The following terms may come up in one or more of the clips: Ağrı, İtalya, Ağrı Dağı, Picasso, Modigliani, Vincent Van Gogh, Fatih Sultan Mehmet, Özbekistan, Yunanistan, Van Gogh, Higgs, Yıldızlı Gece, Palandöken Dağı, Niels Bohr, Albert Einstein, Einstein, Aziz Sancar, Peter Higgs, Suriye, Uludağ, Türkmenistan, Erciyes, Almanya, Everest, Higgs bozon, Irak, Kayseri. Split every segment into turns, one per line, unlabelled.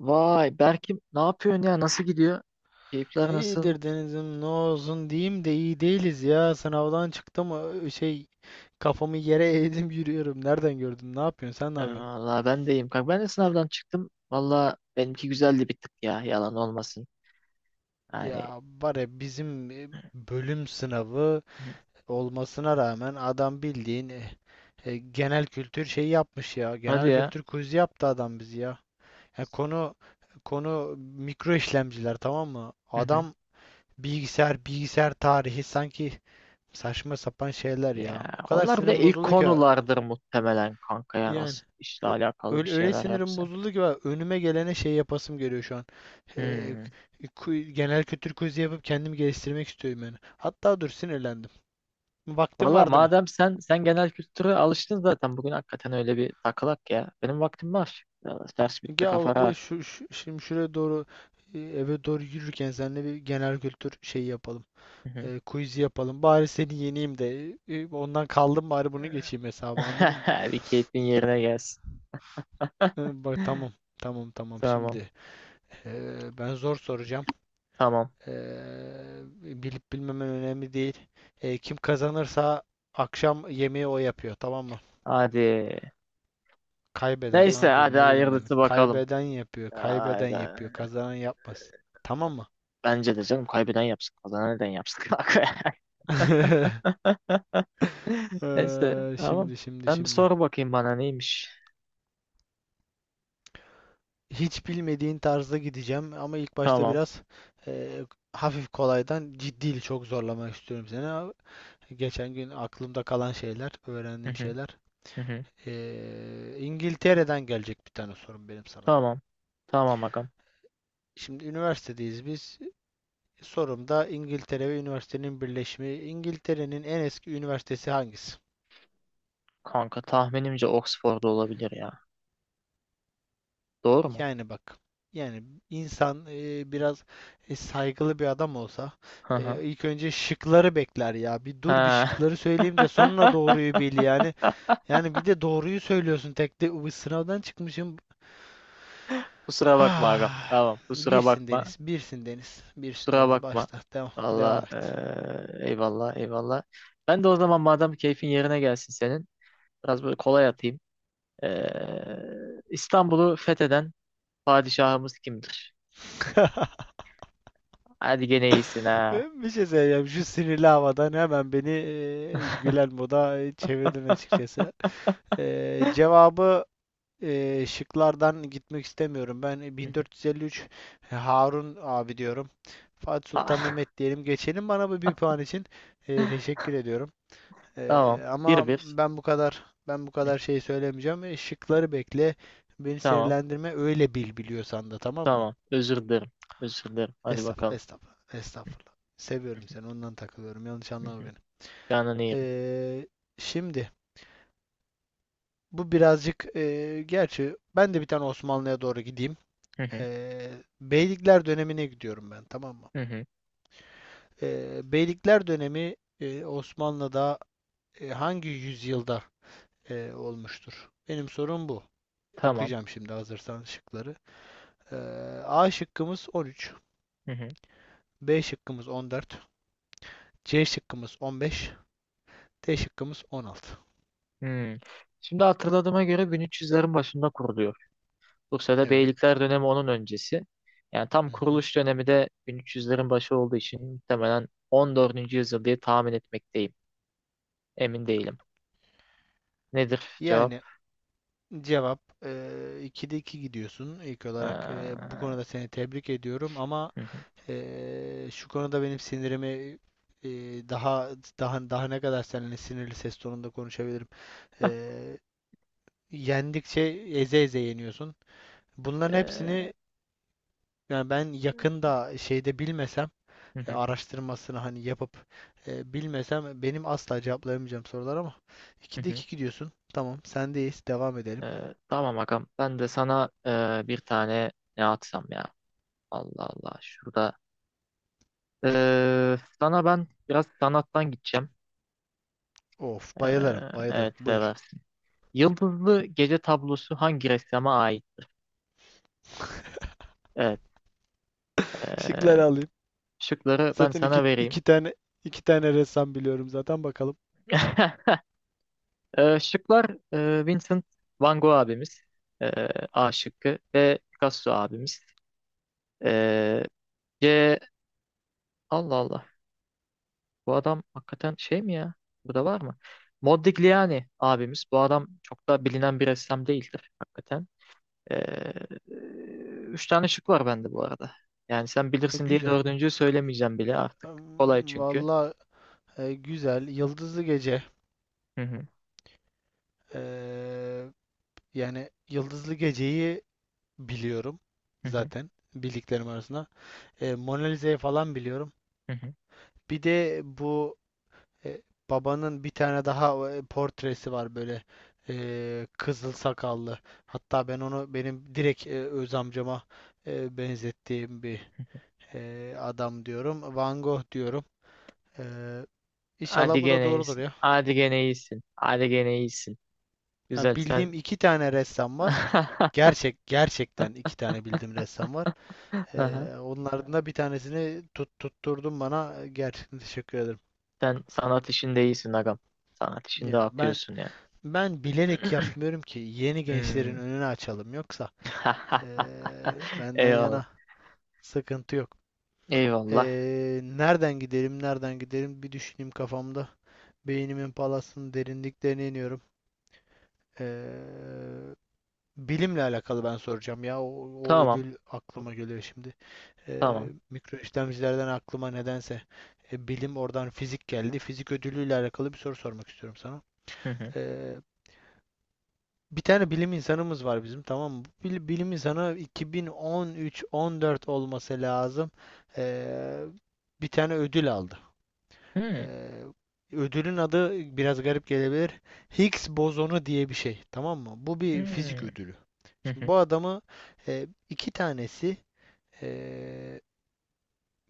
Vay Berk'im ne yapıyorsun ya? Nasıl gidiyor? Keyifler nasıl?
İyidir Deniz'im, ne olsun diyeyim de iyi değiliz ya. Sınavdan çıktım, kafamı yere eğdim yürüyorum. Nereden gördün? Ne yapıyorsun? Sen ne yapıyorsun?
Valla ben de iyiyim. Kanka ben de sınavdan çıktım. Valla benimki güzeldi bir tık ya. Yalan olmasın. Yani.
Ya var ya bizim bölüm sınavı olmasına rağmen adam bildiğin genel kültür şeyi yapmış ya.
Hadi
Genel
ya.
kültür quizi yaptı adam bizi ya. Ya konu mikro işlemciler, tamam mı?
Hı hı.
Adam bilgisayar tarihi sanki, saçma sapan şeyler
Ya,
ya. O kadar
onlar bir de
sinirim
ilk
bozuldu ki.
konulardır muhtemelen kanka ya.
Yani,
Nasıl işle
ö-
alakalı bir
öyle
şeyler
sinirim
yapsa.
bozuldu ki bak, önüme gelene şey yapasım geliyor şu an. Ee,
Hmm.
Genel kültür quiz'i yapıp kendimi geliştirmek istiyorum yani. Hatta dur, sinirlendim. Vaktim
Valla
var değil mi?
madem sen genel kültüre alıştın zaten bugün hakikaten öyle bir takılak ya. Benim vaktim var. Valla ders bitti
Ya
kafa
o
rahat.
da şimdi şuraya doğru, eve doğru yürürken seninle bir genel kültür şeyi yapalım.
Hı hı.
Quiz'i yapalım. Bari seni yeneyim de, ondan kaldım bari bunu geçeyim hesabı, anladın mı?
Bir keyfin yerine gelsin.
Bak tamam. Tamam tamam
Tamam.
şimdi. Ben zor soracağım.
Tamam.
Eee, Bilip bilmemen önemli değil. Kim kazanırsa akşam yemeği o yapıyor, tamam mı?
Hadi.
Kaybeden...
Neyse
Lan dur,
hadi
ne dedim ben?
hayırlısı bakalım.
Kaybeden yapıyor, kaybeden
Hadi.
yapıyor, kazanan yapmaz. Tamam mı?
Bence de canım kaybeden yapsın. Kazanan neden yapsın? Neyse tamam.
Şimdi şimdi
Sen bir
şimdi.
sor bakayım bana neymiş.
Hiç bilmediğin tarzda gideceğim ama ilk başta
Tamam.
biraz eee, hafif kolaydan, ciddi çok zorlamak istiyorum seni. Ama geçen gün aklımda kalan şeyler,
Hı
öğrendiğim
hı,
şeyler.
hı hı.
İngiltere'den gelecek bir tane sorum benim sana.
Tamam. Tamam agam.
Şimdi üniversitedeyiz biz. Sorumda İngiltere ve üniversitenin birleşimi. İngiltere'nin en eski üniversitesi hangisi?
Kanka tahminimce Oxford'da olabilir ya. Doğru mu?
Yani bak. Yani insan biraz saygılı bir adam olsa
Hı hı.
ilk önce şıkları bekler ya. Bir dur, bir
Ha.
şıkları söyleyeyim de sonra doğruyu bil yani. Yani bir de doğruyu söylüyorsun tek de, "Uy, sınavdan çıkmışım.
Kusura bakma agam. Tamam. Kusura
Birsin
bakma.
Deniz, birsin Deniz, birsin
Kusura
Deniz.
bakma.
Başla, devam,
Valla
devam et.
eyvallah eyvallah. Ben de o zaman madem keyfin yerine gelsin senin. Biraz böyle kolay atayım. İstanbul'u fetheden padişahımız kimdir? Hadi gene iyisin ha.
Ben bir şey söyleyeceğim. Şu sinirli havadan hemen beni gülen moda çevirdin açıkçası. Cevabı şıklardan gitmek istemiyorum. Ben
Hı hı.
1453, Harun abi diyorum. Fatih Sultan
Ha,
Mehmet diyelim. Geçelim, bana bu bir puan için. Teşekkür ediyorum.
tamam.
Ama
Bir bir.
ben bu kadar ben bu
Hı,
kadar şey söylemeyeceğim. Şıkları bekle. Beni
tamam.
sinirlendirme. Öyle biliyorsan da, tamam mı?
Tamam. Özür dilerim. Özür dilerim. Hadi
Estağfurullah,
bakalım.
estağfurullah, estağfurullah. Seviyorum seni, ondan takılıyorum. Yanlış
Hı
anlama
hı.
beni.
Canını yerim.
Ee, Şimdi bu birazcık gerçi ben de bir tane Osmanlı'ya doğru gideyim.
Hı hı.
Beylikler dönemine gidiyorum ben, tamam mı?
Hı hı.
Beylikler dönemi Osmanlı'da hangi yüzyılda olmuştur? Benim sorum bu.
Tamam.
Okuyacağım şimdi, hazırsan şıkları. Ee, A şıkkımız 13,
Hı hı.
B şıkkımız 14, C şıkkımız 15, D şıkkımız 16.
Hmm. Şimdi hatırladığıma göre 1300'lerin başında kuruluyor. Bursa'da
Evet.
beylikler dönemi onun öncesi. Yani tam
Hı hı.
kuruluş dönemi de 1300'lerin başı olduğu için muhtemelen 14. yüzyıl diye tahmin etmekteyim. Emin değilim. Nedir cevap?
Yani cevap, 2'de 2 gidiyorsun. İlk olarak bu
Hı
konuda seni tebrik ediyorum ama
hı,
şu konuda benim sinirimi daha daha daha ne kadar seninle sinirli ses tonunda konuşabilirim. Eee, Yendikçe eze eze yeniyorsun. Bunların
ee,
hepsini, yani ben yakında şeyde bilmesem,
hı hı,
araştırmasını hani yapıp bilmesem benim asla cevaplayamayacağım sorular ama
hı
2'de
hı.
2 gidiyorsun. Tamam, sendeyiz. Devam edelim.
Tamam agam. Ben de sana bir tane ne atsam ya. Allah Allah. Şurada. Sana ben biraz sanattan gideceğim.
Of,
Ee,
bayılırım, bayılırım.
evet
Buyur.
seversin. Yıldızlı Gece tablosu hangi ressama ait? Evet. ee,
Şıkları alayım.
Şıkları ben
Zaten
sana vereyim.
iki tane ressam biliyorum zaten, bakalım.
Şıklar Vincent Van Gogh abimiz. ee, A şıkkı ve Picasso abimiz. Ee, C. Allah Allah. Bu adam hakikaten şey mi ya? Bu da var mı? Modigliani abimiz. Bu adam çok da bilinen bir ressam değildir hakikaten. Ee, Üç tane şık var bende bu arada. Yani sen bilirsin diye
Güzel.
dördüncüyü söylemeyeceğim bile artık. Kolay çünkü.
Vallahi güzel. Yıldızlı Gece.
Hı hı,
Eee, Yani Yıldızlı Gece'yi biliyorum
hı hı,
zaten, bildiklerim arasında. Mona Lisa'yı falan biliyorum.
hı hı.
Bir de bu e, babanın bir tane daha portresi var böyle, kızıl sakallı. Hatta ben onu, benim direkt öz amcama benzettiğim bir adam diyorum. Van Gogh diyorum. E, inşallah
Hadi
bu da
gene
doğrudur
iyisin.
ya.
Hadi gene iyisin. Hadi gene iyisin.
Yani
Güzel
bildiğim
sen.
iki tane ressam var. Gerçekten iki tane bildiğim ressam var. E,
Aha.
Onlardan da bir tanesini tutturdun bana. Gerçekten teşekkür ederim.
Sen sanat işinde iyisin agam. Sanat işinde
Ya ben
akıyorsun ya.
ben bilerek yapmıyorum ki, yeni
Hmm.
gençlerin önünü açalım yoksa e, benden
Eyvallah.
yana sıkıntı yok.
Eyvallah.
Nereden gidelim, nereden gidelim, bir düşüneyim kafamda. Beynimin palasının derinliklerine iniyorum. Ee, Bilimle alakalı ben soracağım ya. O
Tamam.
ödül aklıma geliyor şimdi.
Tamam.
Mikro işlemcilerden aklıma nedense bilim, oradan fizik geldi. Fizik ödülüyle alakalı bir soru sormak istiyorum sana.
Hı hı.
Ee, Bir tane bilim insanımız var bizim, tamam mı? Bu bilim insanı 2013-14 olması lazım. Ee, Bir tane ödül aldı.
Hı hı.
Eee, Ödülün adı biraz garip gelebilir. Higgs bozonu diye bir şey. Tamam mı? Bu bir fizik ödülü.
Hı
Şimdi
hı.
bu adamı iki tanesi, eee,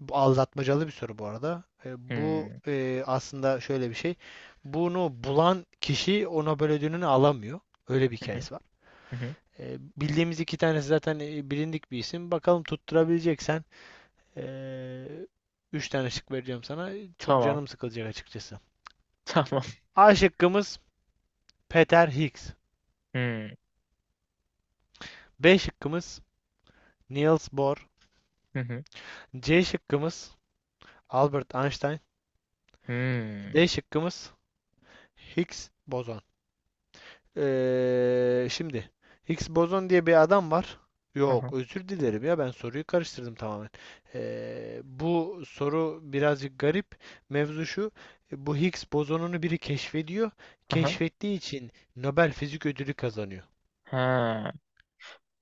bu aldatmacalı bir soru bu arada.
Hı
Bu
hı.
aslında şöyle bir şey. Bunu bulan kişi o Nobel ödülünü alamıyor. Öyle bir
Hı hı.
hikayesi var.
Hı hı.
Bildiğimiz iki tanesi zaten, bilindik bir isim. Bakalım tutturabileceksen, eee, üç tane şık vereceğim sana. Çok
Tamam.
canım sıkılacak açıkçası.
Tamam.
A şıkkımız Peter Higgs.
Hı hı.
B şıkkımız Niels Bohr.
Hı hı.
C şıkkımız Albert Einstein.
Hı
D şıkkımız Higgs bozon. Şimdi Higgs bozon diye bir adam var.
hı.
Yok, özür dilerim ya, ben soruyu karıştırdım tamamen. Bu soru birazcık garip. Mevzu şu, bu Higgs bozonunu biri keşfediyor.
Hı hı.
Keşfettiği için Nobel Fizik Ödülü kazanıyor.
Ha.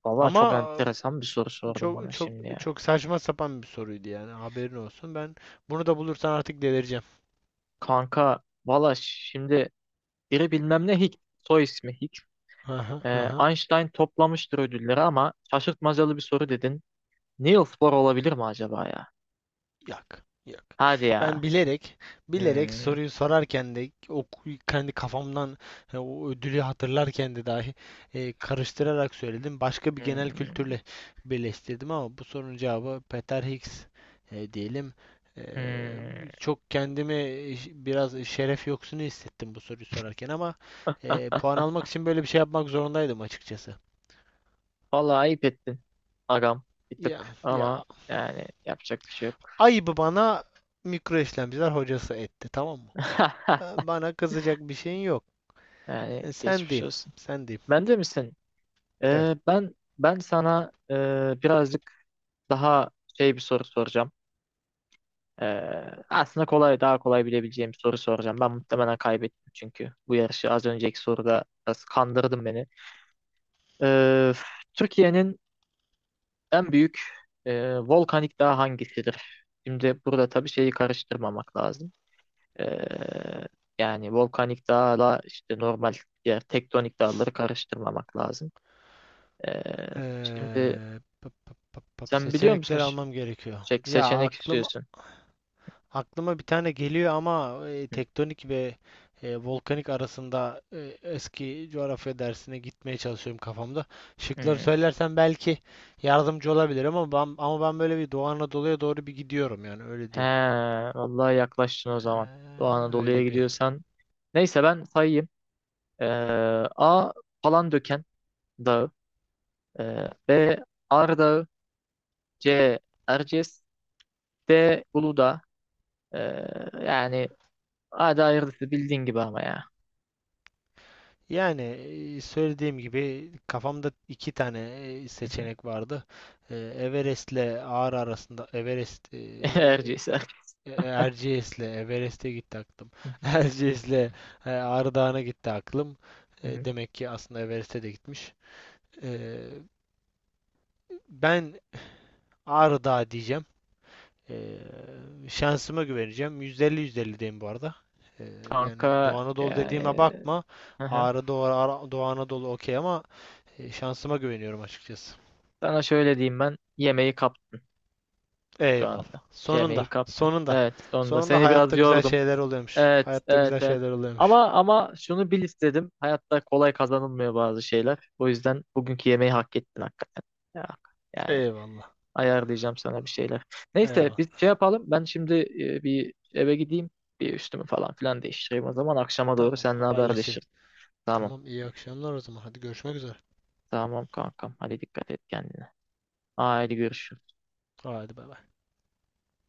Valla çok
Ama
enteresan bir soru sordum
çok
bana
çok
şimdi ya.
çok saçma sapan bir soruydu yani, haberin olsun. Ben bunu da bulursan artık delireceğim.
Kanka valla şimdi biri bilmem ne Higgs. Soy ismi Higgs.
Aha, aha.
Einstein toplamıştır ödülleri ama şaşırtmacalı bir soru dedin. Niels Bohr olabilir mi acaba ya?
Yok, yok.
Hadi ya.
Ben bilerek, bilerek
Hmm,
soruyu sorarken de, o kendi kafamdan o ödülü hatırlarken de dahi karıştırarak söyledim. Başka bir genel
hmm.
kültürle birleştirdim ama bu sorunun cevabı Peter Higgs diyelim. E,
Hmm.
Çok kendimi biraz şeref yoksunu hissettim bu soruyu sorarken ama puan almak için böyle bir şey yapmak zorundaydım açıkçası.
Vallahi ayıp ettin. Agam bir
Ya,
tık ama
ya
yani yapacak bir şey yok.
ayıbı bana mikro işlemciler hocası etti, tamam mı? Bana kızacak bir şeyin yok.
Yani
Sen
geçmiş
diyeyim.
olsun.
Sen diyeyim.
Ben de misin?
Evet.
Ben sana birazcık daha şey bir soru soracağım. Aslında kolay daha kolay bilebileceğim bir soru soracağım. Ben muhtemelen kaybettim çünkü bu yarışı az önceki soruda biraz kandırdın beni. Ee, Türkiye'nin en büyük volkanik dağı hangisidir? Şimdi burada tabii şeyi karıştırmamak lazım. Ee, yani volkanik dağla işte normal diğer tektonik dağları karıştırmamak lazım. Şimdi
Pıp pıp pıp pıp.
sen biliyor musun
Seçenekleri almam gerekiyor.
şey,
Ya
seçenek
aklım
istiyorsun.
aklıma bir tane geliyor ama
Hı.
tektonik ve volkanik arasında, eski coğrafya dersine gitmeye çalışıyorum kafamda. Şıkları
Hı.
söylersen belki yardımcı olabilir ama ben böyle bir Doğu Anadolu'ya doğru bir gidiyorum yani, öyle
He,
diyeyim.
vallahi yaklaştın o zaman. Doğu
Ee,
Anadolu'ya
öyle bir
gidiyorsan. Neyse ben sayayım. Ee, A. Palandöken Dağı. B. Ağrı. C. Erciyes. D. Uludağ. Ee, yani hadi hayırlısı bildiğin gibi ama ya.
Yani söylediğim gibi kafamda iki tane seçenek vardı. Everest'le Ağrı arasında, Everest,
Erciyes. Erciyes.
Erciyes'le Everest'e gitti aklım. Erciyes'le Ağrı Dağı'na gitti aklım.
Hı hı.
Demek ki aslında Everest'e de gitmiş. E, Ben Ağrı Dağı diyeceğim. E, Şansıma güveneceğim. %50-%50 diyeyim bu arada. E, Yani Doğu
Kanka
Anadolu dediğime
yani.
bakma.
Hı hı.
Ağrı Doğu, Doğu Anadolu okey ama şansıma güveniyorum açıkçası.
Sana şöyle diyeyim ben yemeği kaptın şu
Eyvallah.
anda.
Sonunda.
Yemeği kaptın.
Sonunda.
Evet sonunda
Sonunda
seni biraz
hayatta güzel
yordum.
şeyler oluyormuş.
Evet
Hayatta
evet
güzel
evet.
şeyler oluyormuş.
Ama şunu bil istedim. Hayatta kolay kazanılmıyor bazı şeyler. O yüzden bugünkü yemeği hak ettin hakikaten. Ya, yani
Eyvallah.
ayarlayacağım sana bir şeyler. Neyse
Eyvallah.
biz şey yapalım. Ben şimdi bir eve gideyim. Bir üstümü falan filan değiştireyim. O zaman akşama doğru
Tamam,
seninle
haberleşelim.
haberleşiriz. Tamam.
Tamam, iyi akşamlar o zaman. Hadi, görüşmek üzere.
Tamam kankam. Hadi dikkat et kendine. Haydi görüşürüz.
Hadi, bay bay.